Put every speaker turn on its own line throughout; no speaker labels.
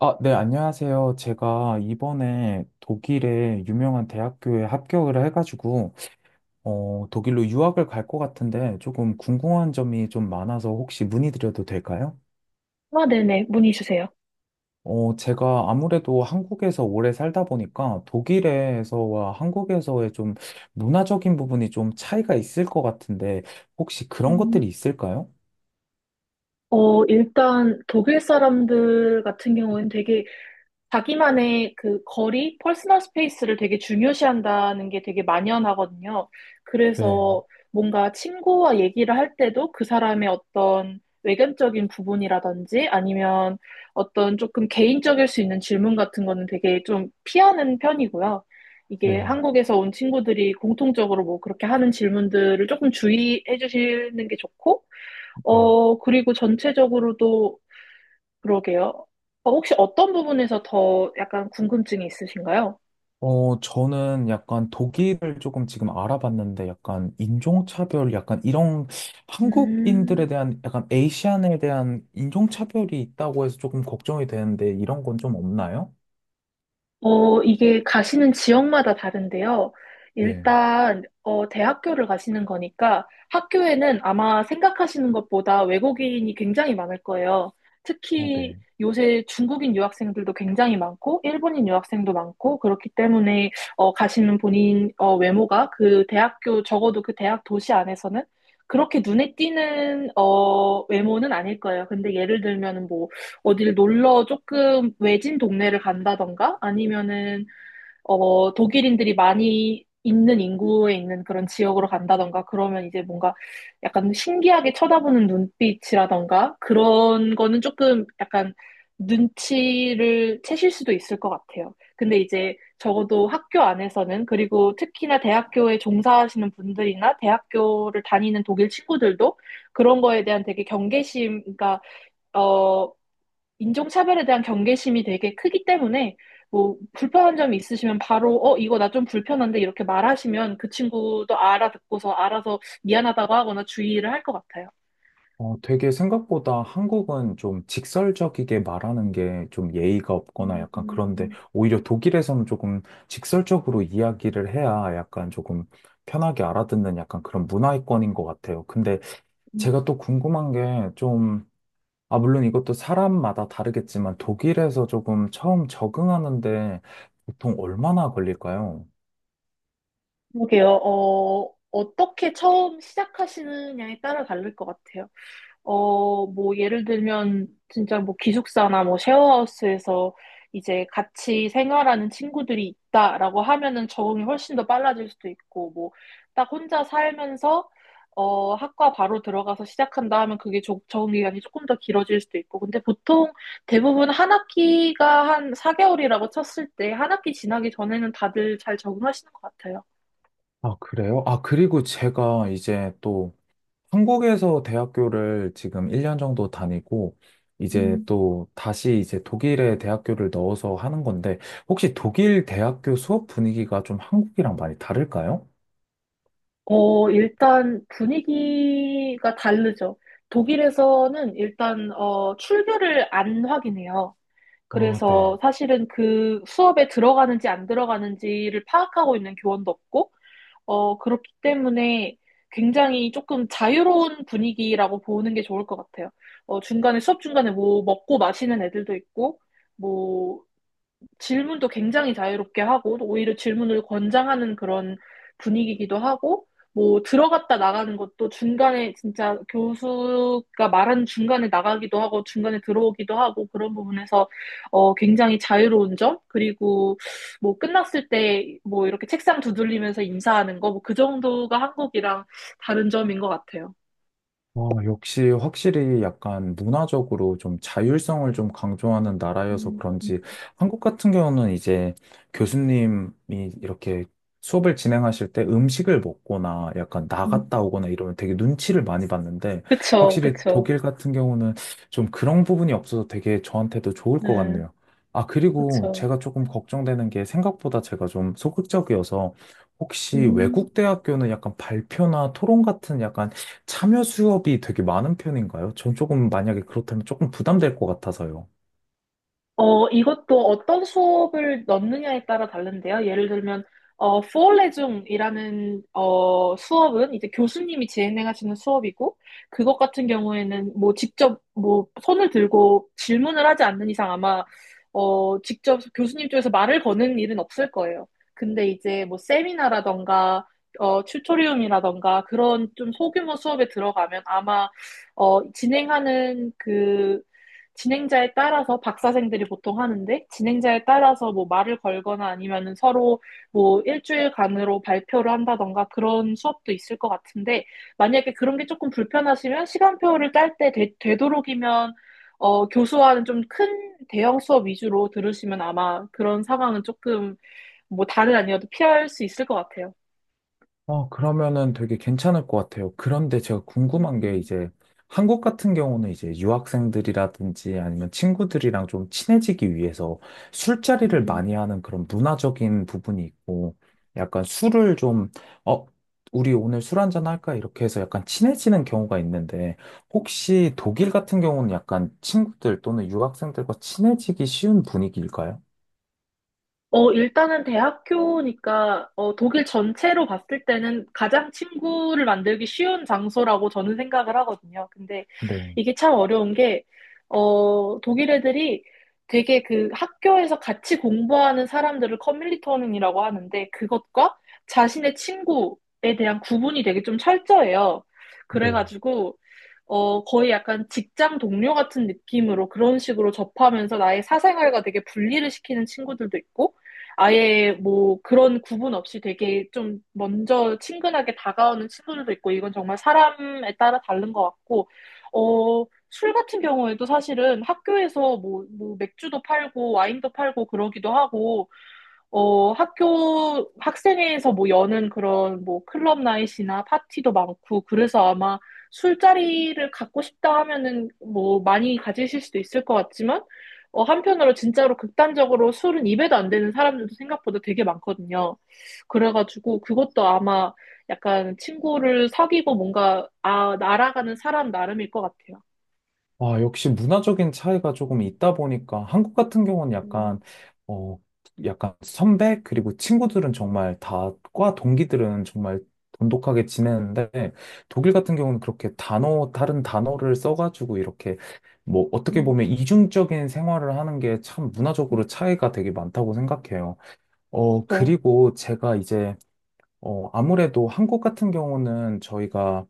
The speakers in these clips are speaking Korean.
아, 네, 안녕하세요. 제가 이번에 독일의 유명한 대학교에 합격을 해가지고, 독일로 유학을 갈 것 같은데 조금 궁금한 점이 좀 많아서 혹시 문의드려도 될까요?
아, 네네. 문의 주세요.
제가 아무래도 한국에서 오래 살다 보니까 독일에서와 한국에서의 좀 문화적인 부분이 좀 차이가 있을 것 같은데 혹시 그런
음,
것들이 있을까요?
일단 독일 사람들 같은 경우는 되게 자기만의 그 거리, 퍼스널 스페이스를 되게 중요시한다는 게 되게 만연하거든요. 그래서
네,
뭔가 친구와 얘기를 할 때도 그 사람의 어떤 외견적인 부분이라든지 아니면 어떤 조금 개인적일 수 있는 질문 같은 거는 되게 좀 피하는 편이고요. 이게
네,
한국에서 온 친구들이 공통적으로 뭐 그렇게 하는 질문들을 조금 주의해 주시는 게 좋고,
네.
그리고 전체적으로도 그러게요. 혹시 어떤 부분에서 더 약간 궁금증이 있으신가요?
저는 약간 독일을 조금 지금 알아봤는데 약간 인종차별, 약간 이런
음,
한국인들에 대한 약간 에이시안에 대한 인종차별이 있다고 해서 조금 걱정이 되는데 이런 건 좀 없나요?
이게 가시는 지역마다 다른데요.
네.
일단, 대학교를 가시는 거니까 학교에는 아마 생각하시는 것보다 외국인이 굉장히 많을 거예요.
어,
특히
네.
요새 중국인 유학생들도 굉장히 많고, 일본인 유학생도 많고, 그렇기 때문에, 가시는 본인, 외모가 그 대학교, 적어도 그 대학 도시 안에서는 그렇게 눈에 띄는, 외모는 아닐 거예요. 근데 예를 들면, 뭐, 어딜 놀러 조금 외진 동네를 간다던가 아니면은 독일인들이 많이 있는 인구에 있는 그런 지역으로 간다던가 그러면 이제 뭔가 약간 신기하게 쳐다보는 눈빛이라던가 그런 거는 조금 약간 눈치를 채실 수도 있을 것 같아요. 근데 이제 적어도 학교 안에서는 그리고 특히나 대학교에 종사하시는 분들이나 대학교를 다니는 독일 친구들도 그런 거에 대한 되게 경계심, 그러니까 어 인종차별에 대한 경계심이 되게 크기 때문에 뭐 불편한 점이 있으시면 바로 이거 나 좀 불편한데 이렇게 말하시면 그 친구도 알아듣고서 알아서 미안하다고 하거나 주의를 할 것 같아요.
되게 생각보다 한국은 좀 직설적이게 말하는 게 좀 예의가 없거나
음,
약간
음,
그런데
음,
오히려 독일에서는 조금 직설적으로 이야기를 해야 약간 조금 편하게 알아듣는 약간 그런 문화권인 것 같아요. 근데
음.
제가 또 궁금한 게 좀, 아, 물론 이것도 사람마다 다르겠지만 독일에서 조금 처음 적응하는데 보통 얼마나 걸릴까요?
그러게요. 어떻게 처음 시작하시느냐에 따라 다를 것 같아요. 뭐, 예를 들면, 진짜 뭐, 기숙사나 뭐, 쉐어하우스에서 이제 같이 생활하는 친구들이 있다라고 하면은 적응이 훨씬 더 빨라질 수도 있고, 뭐, 딱 혼자 살면서, 학과 바로 들어가서 시작한다 하면 그게 적응 기간이 조금 더 길어질 수도 있고, 근데 보통 대부분 한 학기가 한 4개월이라고 쳤을 때, 한 학기 지나기 전에는 다들 잘 적응하시는 것 같아요.
아, 그래요? 아, 그리고 제가 이제 또 한국에서 대학교를 지금 1년 정도 다니고 이제 또 다시 이제 독일에 대학교를 넣어서 하는 건데 혹시 독일 대학교 수업 분위기가 좀 한국이랑 많이 다를까요?
일단 분위기가 다르죠. 독일에서는 일단, 출결을 안 확인해요.
아, 네.
그래서 사실은 그 수업에 들어가는지 안 들어가는지를 파악하고 있는 교원도 없고, 그렇기 때문에 굉장히 조금 자유로운 분위기라고 보는 게 좋을 것 같아요. 수업 중간에 뭐 먹고 마시는 애들도 있고, 뭐 질문도 굉장히 자유롭게 하고 오히려 질문을 권장하는 그런 분위기이기도 하고 뭐 들어갔다 나가는 것도 중간에 진짜 교수가 말하는 중간에 나가기도 하고 중간에 들어오기도 하고 그런 부분에서 굉장히 자유로운 점 그리고 뭐 끝났을 때 뭐 이렇게 책상 두들리면서 인사하는 거 뭐 그 정도가 한국이랑 다른 점인 것 같아요.
역시 확실히 약간 문화적으로 좀 자율성을 좀 강조하는 나라여서
음, 음,
그런지 한국 같은 경우는 이제 교수님이 이렇게 수업을 진행하실 때 음식을 먹거나 약간
음.
나갔다 오거나 이러면 되게 눈치를 많이 봤는데
그쵸,
확실히
그쵸.
독일 같은 경우는 좀 그런 부분이 없어서 되게 저한테도 좋을 것
네,
같네요. 아, 그리고
그쵸.
제가 조금 걱정되는 게 생각보다 제가 좀 소극적이어서 혹시
음.
외국 대학교는 약간 발표나 토론 같은 약간 참여 수업이 되게 많은 편인가요? 전 조금 만약에 그렇다면 조금 부담될 것 같아서요.
이것도 어떤 수업을 넣느냐에 따라 다른데요. 예를 들면, 포레중이라는, 수업은 이제 교수님이 진행하시는 수업이고, 그것 같은 경우에는 뭐 직접 뭐 손을 들고 질문을 하지 않는 이상 아마, 직접 교수님 쪽에서 말을 거는 일은 없을 거예요. 근데 이제 뭐 세미나라던가, 튜토리움이라던가 그런 좀 소규모 수업에 들어가면 아마, 진행하는 그 진행자에 따라서 박사생들이 보통 하는데 진행자에 따라서 뭐 말을 걸거나 아니면은 서로 뭐 일주일간으로 발표를 한다던가 그런 수업도 있을 것 같은데 만약에 그런 게 조금 불편하시면 시간표를 짤 때 되도록이면 교수와는 좀 큰 대형 수업 위주로 들으시면 아마 그런 상황은 조금 뭐 다른 아니어도 피할 수 있을 것 같아요.
아, 그러면은 되게 괜찮을 것 같아요. 그런데 제가
음,
궁금한 게
음.
이제 한국 같은 경우는 이제 유학생들이라든지 아니면 친구들이랑 좀 친해지기 위해서 술자리를
음.
많이 하는 그런 문화적인 부분이 있고 약간 술을 좀, 어, 우리 오늘 술 한잔 할까? 이렇게 해서 약간 친해지는 경우가 있는데 혹시 독일 같은 경우는 약간 친구들 또는 유학생들과 친해지기 쉬운 분위기일까요?
일단은 대학교니까, 독일 전체로 봤을 때는 가장 친구를 만들기 쉬운 장소라고 저는 생각을 하거든요. 근데
네,
이게 참 어려운 게, 독일 애들이 되게 그 학교에서 같이 공부하는 사람들을 커뮤니티원이라고 하는데, 그것과 자신의 친구에 대한 구분이 되게 좀 철저해요.
네.
그래가지고, 거의 약간 직장 동료 같은 느낌으로 그런 식으로 접하면서 나의 사생활과 되게 분리를 시키는 친구들도 있고, 아예 뭐 그런 구분 없이 되게 좀 먼저 친근하게 다가오는 친구들도 있고 이건 정말 사람에 따라 다른 것 같고 술 같은 경우에도 사실은 학교에서 뭐, 뭐 맥주도 팔고 와인도 팔고 그러기도 하고 학교 학생회에서 뭐 여는 그런 뭐 클럽 나잇이나 파티도 많고 그래서 아마 술자리를 갖고 싶다 하면은 뭐 많이 가지실 수도 있을 것 같지만 한편으로 진짜로 극단적으로 술은 입에도 안 되는 사람들도 생각보다 되게 많거든요. 그래가지고 그것도 아마 약간 친구를 사귀고 뭔가 아, 날아가는 사람 나름일 것 같아요.
아, 역시 문화적인 차이가 조금 있다 보니까 한국 같은 경우는 약간,
음,
어, 약간 선배, 그리고 친구들은 정말 다, 과 동기들은 정말 돈독하게 지내는데, 독일 같은 경우는 그렇게 다른 단어를 써가지고 이렇게, 뭐, 어떻게
음,
보면 이중적인 생활을 하는 게 참 문화적으로 차이가 되게 많다고 생각해요.
그렇죠.
그리고 제가 이제, 아무래도 한국 같은 경우는 저희가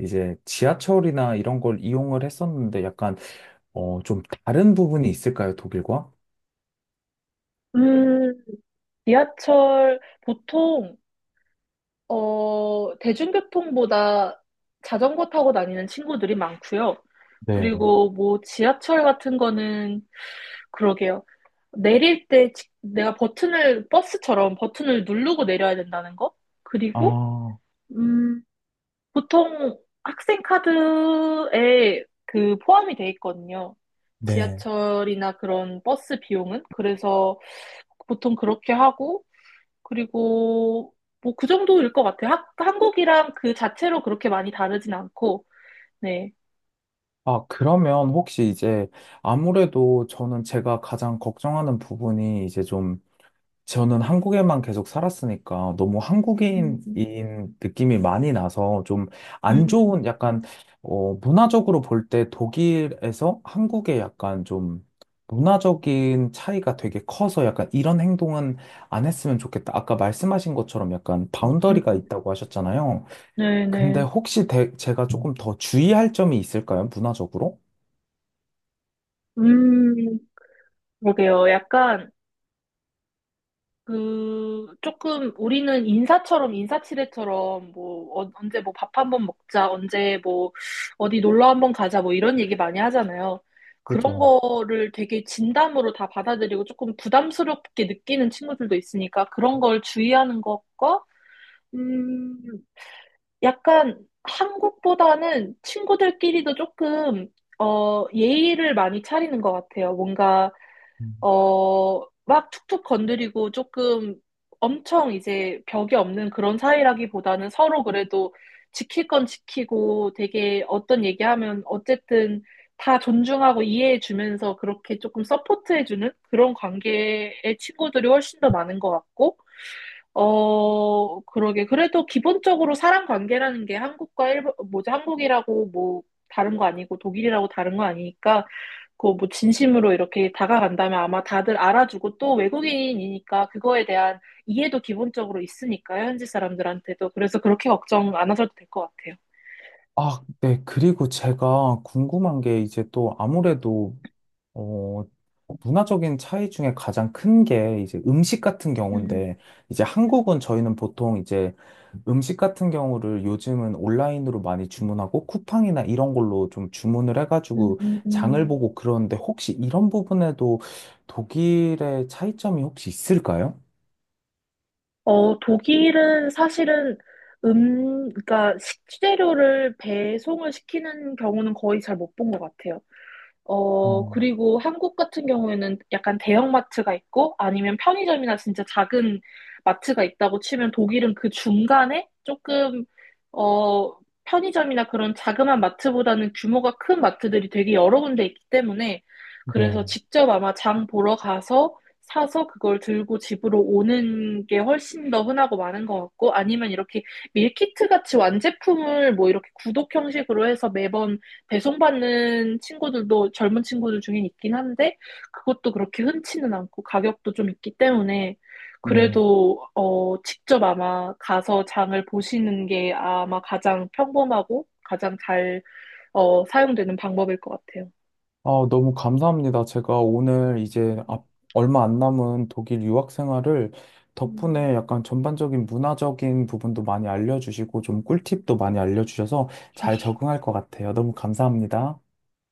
이제 지하철이나 이런 걸 이용을 했었는데 약간, 좀 다른 부분이 있을까요, 독일과?
음, 지하철 보통 대중교통보다 자전거 타고 다니는 친구들이 많고요.
네.
그리고 뭐 지하철 같은 거는 그러게요. 내릴 때 내가 버튼을 버스처럼 버튼을 누르고 내려야 된다는 거? 그리고
아,
음, 보통 학생 카드에 그 포함이 돼 있거든요.
네.
지하철이나 그런 버스 비용은 그래서 보통 그렇게 하고 그리고 뭐 그 정도일 것 같아요. 한국이랑 그 자체로 그렇게 많이 다르진 않고, 네.
아, 그러면 혹시 이제 아무래도 저는 제가 가장 걱정하는 부분이 이제 좀 저는 한국에만 계속 살았으니까 너무
음,
한국인인
음,
느낌이 많이 나서 좀 안
음,
좋은 약간 문화적으로 볼 때 독일에서 한국의 약간 좀 문화적인 차이가 되게 커서 약간 이런 행동은 안 했으면 좋겠다. 아까 말씀하신 것처럼 약간
음.
바운더리가 있다고 하셨잖아요. 근데
네네.
혹시 제가 조금 더 주의할 점이 있을까요? 문화적으로?
음, 그러게요. 약간 그 조금 우리는 인사처럼 인사치레처럼 뭐 언제 뭐 밥 한번 먹자, 언제 뭐 어디 놀러 한번 가자 뭐 이런 얘기 많이 하잖아요. 그런
그죠.
거를 되게 진담으로 다 받아들이고 조금 부담스럽게 느끼는 친구들도 있으니까 그런 걸 주의하는 것과 음, 약간 한국보다는 친구들끼리도 조금, 예의를 많이 차리는 것 같아요. 뭔가,
음.
어, 막 툭툭 건드리고 조금 엄청 이제 벽이 없는 그런 사이라기보다는 서로 그래도 지킬 건 지키고 되게 어떤 얘기하면 어쨌든 다 존중하고 이해해주면서 그렇게 조금 서포트해주는 그런 관계의 친구들이 훨씬 더 많은 것 같고, 그러게. 그래도 기본적으로 사람 관계라는 게 한국과 일본, 뭐지, 한국이라고 뭐 다른 거 아니고 독일이라고 다른 거 아니니까, 그거 뭐 진심으로 이렇게 다가간다면 아마 다들 알아주고 또 외국인이니까 그거에 대한 이해도 기본적으로 있으니까요, 현지 사람들한테도. 그래서 그렇게 걱정 안 하셔도 될 것 같아요.
아, 네. 그리고 제가 궁금한 게 이제 또 아무래도 어, 문화적인 차이 중에 가장 큰 게 이제 음식 같은
음,
경우인데, 이제 한국은 저희는 보통 이제 음식 같은 경우를 요즘은 온라인으로 많이 주문하고 쿠팡이나 이런 걸로 좀 주문을
음,
해가지고
음,
장을
음.
보고 그러는데 혹시 이런 부분에도 독일의 차이점이 혹시 있을까요?
독일은 사실은 그러니까 식재료를 배송을 시키는 경우는 거의 잘 못 본 것 같아요.
어,
그리고 한국 같은 경우에는 약간 대형마트가 있고 아니면 편의점이나 진짜 작은 마트가 있다고 치면 독일은 그 중간에 조금, 어, 편의점이나 그런 자그마한 마트보다는 규모가 큰 마트들이 되게 여러 군데 있기 때문에 그래서
네.
직접 아마 장 보러 가서 사서 그걸 들고 집으로 오는 게 훨씬 더 흔하고 많은 것 같고 아니면 이렇게 밀키트 같이 완제품을 뭐 이렇게 구독 형식으로 해서 매번 배송받는 친구들도 젊은 친구들 중에 있긴 한데, 그것도 그렇게 흔치는 않고 가격도 좀 있기 때문에,
네.
그래도, 직접 아마 가서 장을 보시는 게 아마 가장 평범하고 가장 잘, 사용되는 방법일 것 같아요.
아, 너무 감사합니다. 제가 오늘 이제 얼마 안 남은 독일 유학 생활을
음.
덕분에 약간 전반적인 문화적인 부분도 많이 알려주시고 좀 꿀팁도 많이 알려주셔서 잘 적응할 것 같아요. 너무 감사합니다.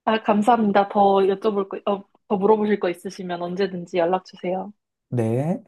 아, 감사합니다. 더 물어보실 거 있으시면 언제든지 연락 주세요.
네.